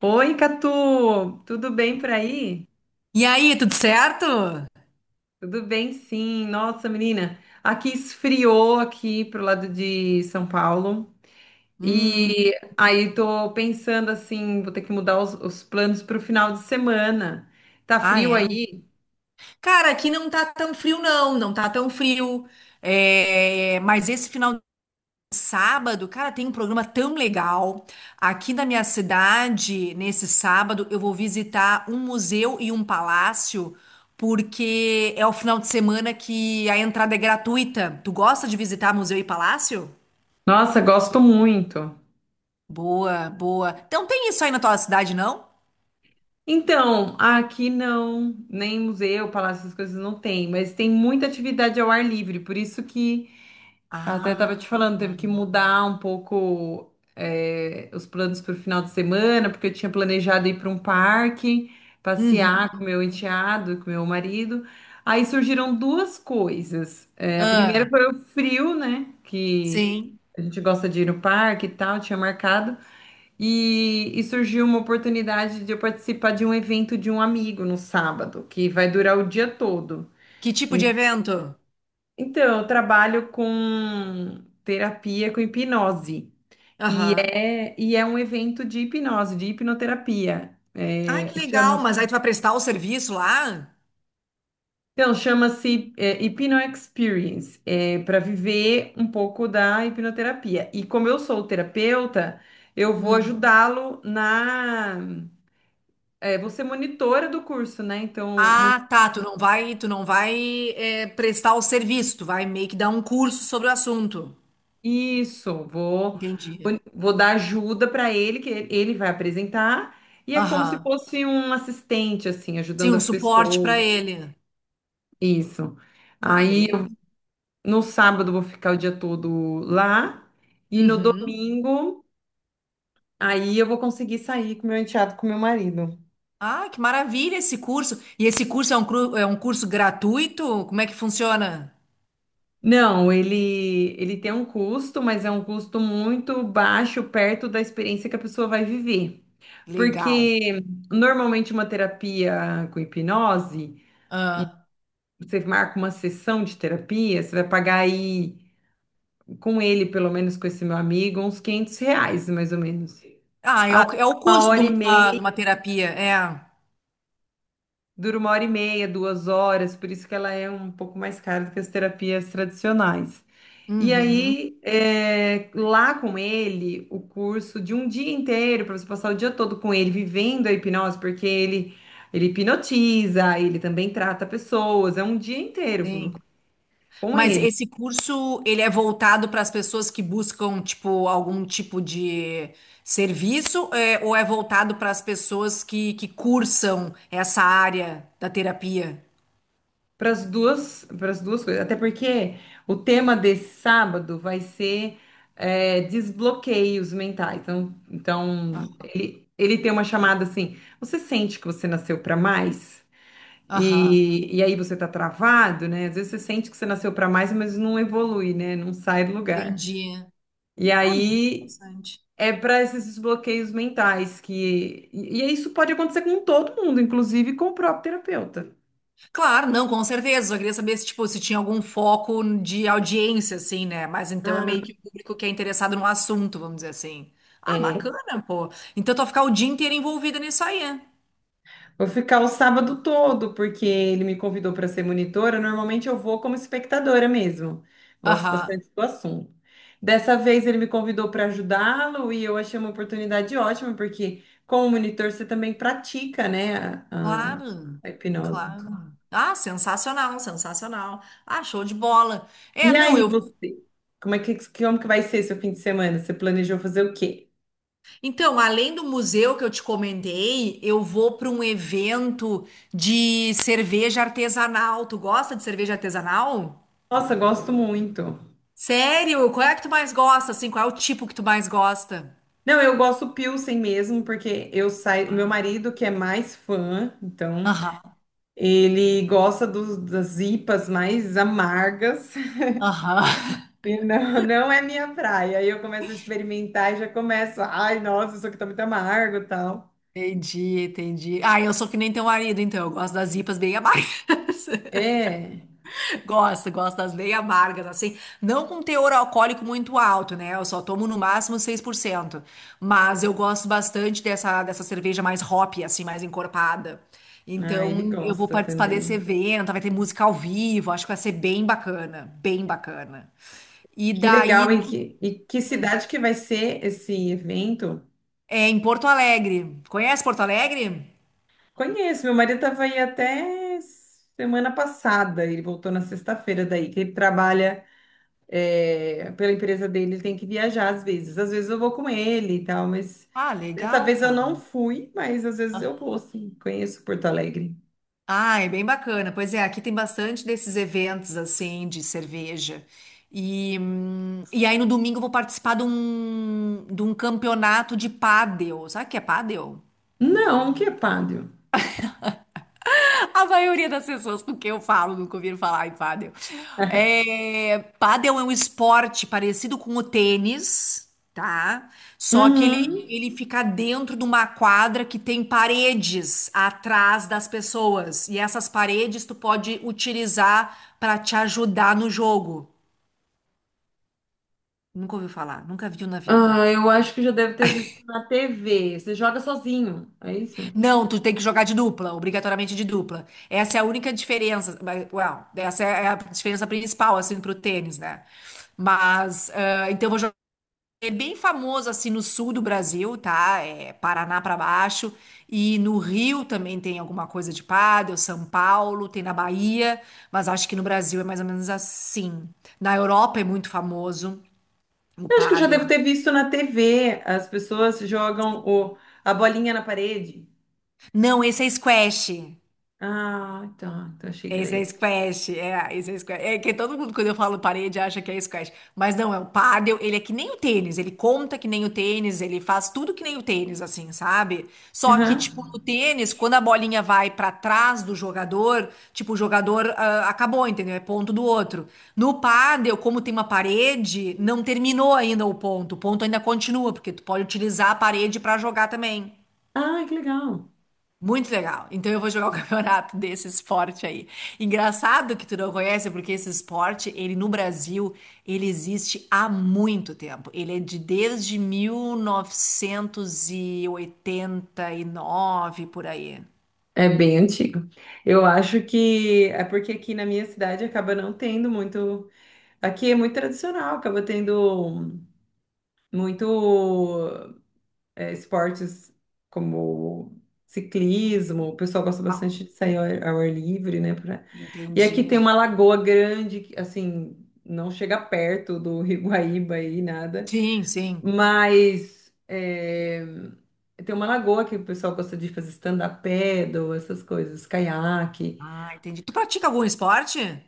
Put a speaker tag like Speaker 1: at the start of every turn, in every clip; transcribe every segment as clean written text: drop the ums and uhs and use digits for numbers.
Speaker 1: Oi, Catu! Tudo bem por aí?
Speaker 2: E aí, tudo certo?
Speaker 1: Tudo bem, sim. Nossa, menina, aqui esfriou aqui pro lado de São Paulo.
Speaker 2: Hum,
Speaker 1: E aí tô pensando assim, vou ter que mudar os planos pro final de semana. Tá
Speaker 2: ah,
Speaker 1: frio
Speaker 2: é.
Speaker 1: aí?
Speaker 2: Cara, aqui não tá tão frio, não, não tá tão frio. É, mas esse final de sábado, cara, tem um programa tão legal. Aqui na minha cidade, nesse sábado, eu vou visitar um museu e um palácio, porque é o final de semana que a entrada é gratuita. Tu gosta de visitar museu e palácio?
Speaker 1: Nossa, gosto muito.
Speaker 2: Boa, boa. Então tem isso aí na tua cidade, não?
Speaker 1: Então, aqui não, nem museu, palácio, essas coisas não tem, mas tem muita atividade ao ar livre, por isso que até
Speaker 2: Ah,
Speaker 1: tava te falando, teve
Speaker 2: boa.
Speaker 1: que mudar um pouco os planos para o final de semana, porque eu tinha planejado ir para um parque,
Speaker 2: Uhum.
Speaker 1: passear com meu enteado, com meu marido. Aí surgiram duas coisas. É, a primeira
Speaker 2: Ah.
Speaker 1: foi o frio, né? Que
Speaker 2: Sim.
Speaker 1: a gente gosta de ir no parque e tal, tinha marcado. E surgiu uma oportunidade de eu participar de um evento de um amigo no sábado, que vai durar o dia todo.
Speaker 2: Que tipo de evento?
Speaker 1: Então, eu trabalho com terapia com hipnose. E
Speaker 2: Aham.
Speaker 1: é, e é um evento de hipnose, de hipnoterapia.
Speaker 2: Ai,
Speaker 1: É,
Speaker 2: que legal, mas aí tu vai prestar o serviço lá?
Speaker 1: chama-se Hypno Experience, para viver um pouco da hipnoterapia. E como eu sou terapeuta, eu vou
Speaker 2: Hum.
Speaker 1: ajudá-lo na. É, vou ser monitora do curso, né? Então,
Speaker 2: Ah, tá, tu não vai é, prestar o serviço, tu vai meio que dar um curso sobre o assunto.
Speaker 1: isso, vou,
Speaker 2: Entendi.
Speaker 1: vou dar ajuda para ele, que ele vai apresentar. E é como se
Speaker 2: Aham.
Speaker 1: fosse um assistente, assim,
Speaker 2: Sim,
Speaker 1: ajudando
Speaker 2: um
Speaker 1: as
Speaker 2: suporte para
Speaker 1: pessoas.
Speaker 2: ele.
Speaker 1: Isso.
Speaker 2: Ah,
Speaker 1: Aí,
Speaker 2: beleza.
Speaker 1: no sábado vou ficar o dia todo lá e no
Speaker 2: Uhum.
Speaker 1: domingo aí eu vou conseguir sair com meu enteado, com meu marido.
Speaker 2: Ah, que maravilha esse curso. E esse curso é um curso gratuito? Como é que funciona?
Speaker 1: Não, ele tem um custo, mas é um custo muito baixo perto da experiência que a pessoa vai viver.
Speaker 2: Legal.
Speaker 1: Porque normalmente uma terapia com hipnose,
Speaker 2: Ah,
Speaker 1: você marca uma sessão de terapia, você vai pagar aí com ele, pelo menos com esse meu amigo, uns R$ 500, mais ou menos.
Speaker 2: é o
Speaker 1: Uma
Speaker 2: custo de
Speaker 1: hora e
Speaker 2: uma,
Speaker 1: meia
Speaker 2: de uma terapia, é.
Speaker 1: Dura uma hora e meia, 2 horas, por isso que ela é um pouco mais cara do que as terapias tradicionais. E
Speaker 2: Uhum.
Speaker 1: aí, lá com ele, o curso de um dia inteiro, para você passar o dia todo com ele, vivendo a hipnose, porque ele hipnotiza, ele também trata pessoas, é um dia inteiro
Speaker 2: Sim.
Speaker 1: com
Speaker 2: Mas
Speaker 1: ele.
Speaker 2: esse curso, ele é voltado para as pessoas que buscam, tipo, algum tipo de serviço, é, ou é voltado para as pessoas que cursam essa área da terapia?
Speaker 1: Para as duas coisas. Até porque o tema desse sábado vai ser desbloqueios mentais. Então ele tem uma chamada assim: você sente que você nasceu para mais?
Speaker 2: Aham,
Speaker 1: E aí você tá travado, né? Às vezes você sente que você nasceu para mais, mas não evolui, né? Não sai do lugar.
Speaker 2: entendi.
Speaker 1: E
Speaker 2: Ah, bem
Speaker 1: aí
Speaker 2: interessante.
Speaker 1: é para esses desbloqueios mentais que. E isso pode acontecer com todo mundo, inclusive com o próprio terapeuta.
Speaker 2: Claro, não, com certeza. Só queria saber se, tipo, se tinha algum foco de audiência, assim, né? Mas então é meio que o público que é interessado no assunto, vamos dizer assim. Ah,
Speaker 1: Ah,
Speaker 2: bacana, pô. Então tu vai ficar o dia inteiro envolvida nisso aí, é?
Speaker 1: vou ficar o sábado todo, porque ele me convidou para ser monitora. Normalmente eu vou como espectadora mesmo. Gosto
Speaker 2: Aham.
Speaker 1: bastante do assunto. Dessa vez ele me convidou para ajudá-lo e eu achei uma oportunidade ótima, porque como monitor você também pratica, né, a, a-
Speaker 2: Claro,
Speaker 1: a hipnose.
Speaker 2: claro. Ah, sensacional, sensacional. Ah, show de bola. É,
Speaker 1: E
Speaker 2: não,
Speaker 1: aí,
Speaker 2: eu.
Speaker 1: você? Como é que, como que vai ser seu fim de semana? Você planejou fazer o quê?
Speaker 2: Então, além do museu que eu te comentei, eu vou para um evento de cerveja artesanal. Tu gosta de cerveja artesanal?
Speaker 1: Nossa, gosto muito.
Speaker 2: Sério? Qual é que tu mais gosta? Assim, qual é o tipo que tu mais gosta?
Speaker 1: Não, eu gosto Pilsen mesmo, porque eu saio. Meu
Speaker 2: Ah,
Speaker 1: marido, que é mais fã, então.
Speaker 2: aham,
Speaker 1: Ele gosta das IPAs mais amargas
Speaker 2: aham.
Speaker 1: e não, não é minha praia. Aí eu começo a experimentar e já começo, ai, nossa, isso aqui tá muito amargo e tal.
Speaker 2: Entendi, entendi. Ah, eu sou que nem teu marido, então eu gosto das IPAs bem amargas.
Speaker 1: É,
Speaker 2: Gosto, gosto das bem amargas, assim. Não com teor alcoólico muito alto, né? Eu só tomo no máximo 6%. Mas eu gosto bastante dessa cerveja mais hop, assim, mais encorpada.
Speaker 1: ah, ele
Speaker 2: Então, eu vou
Speaker 1: gosta
Speaker 2: participar
Speaker 1: também.
Speaker 2: desse evento, vai ter música ao vivo, acho que vai ser bem bacana, bem bacana. E
Speaker 1: Que
Speaker 2: daí,
Speaker 1: legal, e que cidade que vai ser esse evento?
Speaker 2: é em Porto Alegre. Conhece Porto Alegre?
Speaker 1: Conheço, meu marido estava aí até semana passada, ele voltou na sexta-feira daí, que ele trabalha pela empresa dele, ele tem que viajar às vezes. Às vezes eu vou com ele e tal, mas
Speaker 2: Ah,
Speaker 1: dessa
Speaker 2: legal,
Speaker 1: vez eu
Speaker 2: pô.
Speaker 1: não fui, mas às vezes eu vou, sim. Conheço Porto Alegre.
Speaker 2: Ah, é bem bacana. Pois é, aqui tem bastante desses eventos assim de cerveja. E aí no domingo eu vou participar de um campeonato de pádel. Sabe o que é pádel?
Speaker 1: Não, que é pádel.
Speaker 2: A maioria das pessoas com quem eu falo nunca ouviram falar em pádel. É, pádel é um esporte parecido com o tênis, tá? Só que ele,
Speaker 1: Uhum.
Speaker 2: ele fica dentro de uma quadra que tem paredes atrás das pessoas. E essas paredes tu pode utilizar para te ajudar no jogo. Nunca ouviu falar, nunca viu na vida.
Speaker 1: Ah, eu acho que já deve ter visto na TV. Você joga sozinho, é isso? Eu
Speaker 2: Não, tu tem que jogar de dupla, obrigatoriamente de dupla. Essa é a única diferença, mas, well, essa é a diferença principal, assim, pro tênis, né? Mas, ah, então eu vou jogar. É bem famoso, assim, no sul do Brasil, tá? É Paraná pra baixo. E no Rio também tem alguma coisa de pádel, São Paulo, tem na Bahia. Mas acho que no Brasil é mais ou menos assim. Na Europa é muito famoso o
Speaker 1: acho que eu já
Speaker 2: pádel.
Speaker 1: devo ter visto na TV. As pessoas jogam a bolinha na parede.
Speaker 2: Não, esse é squash.
Speaker 1: Ah, tá. Então achei que era
Speaker 2: Esse é
Speaker 1: isso.
Speaker 2: squash, é, esse é squash. É que todo mundo, quando eu falo parede, acha que é squash. Mas não, é o pádel, ele é que nem o tênis, ele conta que nem o tênis, ele faz tudo que nem o tênis, assim, sabe? Só que, tipo,
Speaker 1: Aham.
Speaker 2: no tênis, quando a bolinha vai pra trás do jogador, tipo, o jogador ah, acabou, entendeu? É ponto do outro. No pádel, como tem uma parede, não terminou ainda o ponto ainda continua, porque tu pode utilizar a parede pra jogar também.
Speaker 1: Ah, que legal.
Speaker 2: Muito legal. Então eu vou jogar o campeonato desse esporte aí. Engraçado que tu não conhece, porque esse esporte, ele no Brasil, ele existe há muito tempo. Ele é de desde mil novecentos e oitenta e nove por aí.
Speaker 1: É bem antigo. Eu acho que é porque aqui na minha cidade acaba não tendo muito. Aqui é muito tradicional, acaba tendo muito esportes como ciclismo. O pessoal gosta bastante
Speaker 2: Ah,
Speaker 1: de sair ao ar livre, né? E aqui
Speaker 2: entendi.
Speaker 1: tem uma lagoa grande, que, assim, não chega perto do Rio Iguaíba e nada,
Speaker 2: Sim, sim.
Speaker 1: mas tem uma lagoa que o pessoal gosta de fazer stand-up paddle, essas coisas, caiaque.
Speaker 2: Ah, entendi. Tu pratica algum esporte?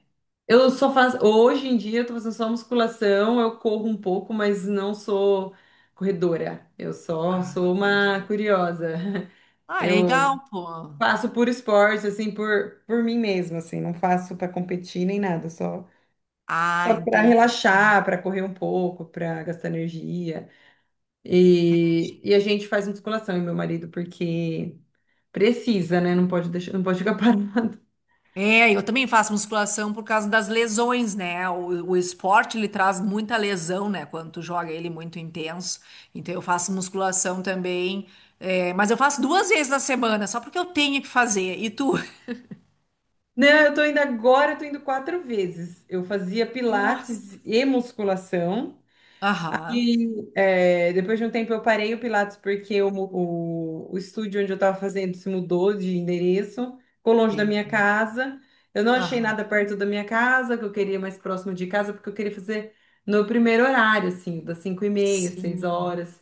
Speaker 1: Eu só faço. Hoje em dia eu tô fazendo só musculação, eu corro um pouco, mas não sou corredora. Eu só
Speaker 2: Ah,
Speaker 1: sou uma
Speaker 2: entendi.
Speaker 1: curiosa.
Speaker 2: Ah,
Speaker 1: Eu
Speaker 2: legal, pô.
Speaker 1: faço por esporte, assim, por mim mesma, assim, não faço para competir nem nada, só,
Speaker 2: Ah,
Speaker 1: só para
Speaker 2: entendi.
Speaker 1: relaxar, para correr um pouco, para gastar energia. E a gente faz musculação, eu e meu marido, porque precisa, né? Não pode deixar, não pode ficar parado.
Speaker 2: É, eu também faço musculação por causa das lesões, né? O esporte ele traz muita lesão, né? Quando tu joga ele muito intenso. Então eu faço musculação também, é, mas eu faço duas vezes na semana, só porque eu tenho que fazer. E tu?
Speaker 1: Não, eu tô indo agora, eu tô indo quatro vezes. Eu fazia
Speaker 2: Nossa.
Speaker 1: pilates e musculação.
Speaker 2: Aham,
Speaker 1: E depois de um tempo eu parei o pilates porque o estúdio onde eu estava fazendo se mudou de endereço, ficou longe da
Speaker 2: tem.
Speaker 1: minha casa. Eu não achei
Speaker 2: Aham.
Speaker 1: nada perto da minha casa, que eu queria mais próximo de casa, porque eu queria fazer no primeiro horário, assim, das 5h30, seis
Speaker 2: Sim.
Speaker 1: horas.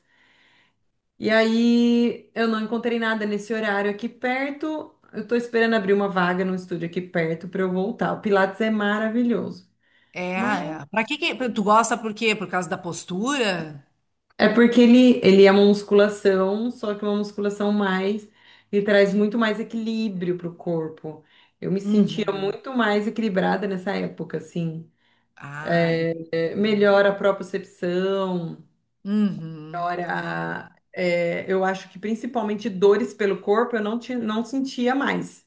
Speaker 1: E aí eu não encontrei nada nesse horário aqui perto. Eu tô esperando abrir uma vaga no estúdio aqui perto para eu voltar. O Pilates é maravilhoso,
Speaker 2: É,
Speaker 1: mas
Speaker 2: é. Pra que que tu gosta por quê? Por causa da postura?
Speaker 1: é porque ele é uma musculação, só que uma musculação mais, ele traz muito mais equilíbrio pro corpo. Eu me sentia
Speaker 2: Uhum.
Speaker 1: muito mais equilibrada nessa época, assim.
Speaker 2: Ah, entendi.
Speaker 1: É, melhora a propriocepção,
Speaker 2: Uhum. Ah,
Speaker 1: melhora, eu acho que principalmente dores pelo corpo eu não, tinha, não sentia mais.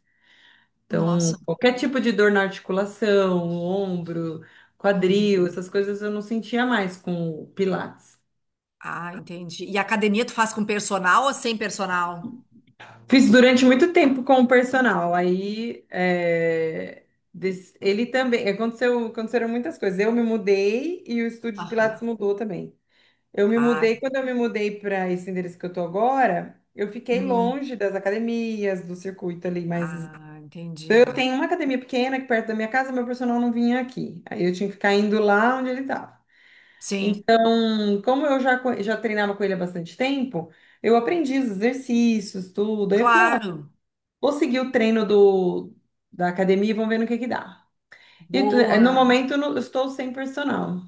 Speaker 1: Então,
Speaker 2: nossa.
Speaker 1: qualquer tipo de dor na articulação, ombro, quadril,
Speaker 2: Uhum.
Speaker 1: essas coisas eu não sentia mais com o Pilates.
Speaker 2: Ah, entendi. E academia tu faz com personal ou sem personal?
Speaker 1: Fiz durante muito tempo com o personal, aí ele também, aconteceram muitas coisas. Eu me mudei e o estúdio de Pilates
Speaker 2: Aham.
Speaker 1: mudou também. Eu me
Speaker 2: Ah,
Speaker 1: mudei, quando eu me mudei para esse endereço que eu tô agora, eu fiquei
Speaker 2: hum.
Speaker 1: longe das academias, do circuito ali, mas
Speaker 2: Ah, entendi.
Speaker 1: eu tenho uma academia pequena aqui perto da minha casa, meu personal não vinha aqui. Aí eu tinha que ficar indo lá onde ele estava.
Speaker 2: Sim,
Speaker 1: Então, como eu já treinava com ele há bastante tempo, eu aprendi os exercícios, tudo. Aí eu falei, ah,
Speaker 2: claro.
Speaker 1: vou seguir o treino da academia e vamos ver no que dá. No
Speaker 2: Boa.
Speaker 1: momento eu estou sem personal.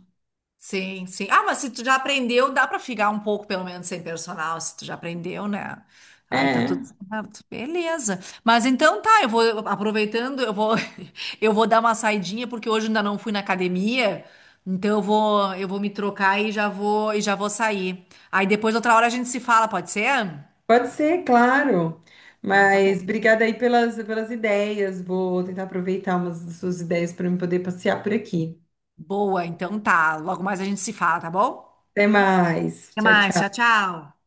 Speaker 2: Sim, sim. Ah, mas se tu já aprendeu, dá pra ficar um pouco, pelo menos, sem personal, se tu já aprendeu, né? Ai, tá
Speaker 1: É,
Speaker 2: tudo certo. Beleza. Mas então tá, eu vou aproveitando, eu vou eu vou dar uma saidinha porque hoje ainda não fui na academia. Então eu vou me trocar e já vou sair. Aí depois outra hora a gente se fala, pode ser?
Speaker 1: pode ser, claro.
Speaker 2: Então tá bom.
Speaker 1: Mas obrigada aí pelas ideias. Vou tentar aproveitar umas das suas ideias para eu poder passear por aqui.
Speaker 2: Boa, então tá. Logo mais a gente se fala, tá bom?
Speaker 1: Até mais.
Speaker 2: Até
Speaker 1: Tchau,
Speaker 2: mais.
Speaker 1: tchau.
Speaker 2: Tchau, tchau.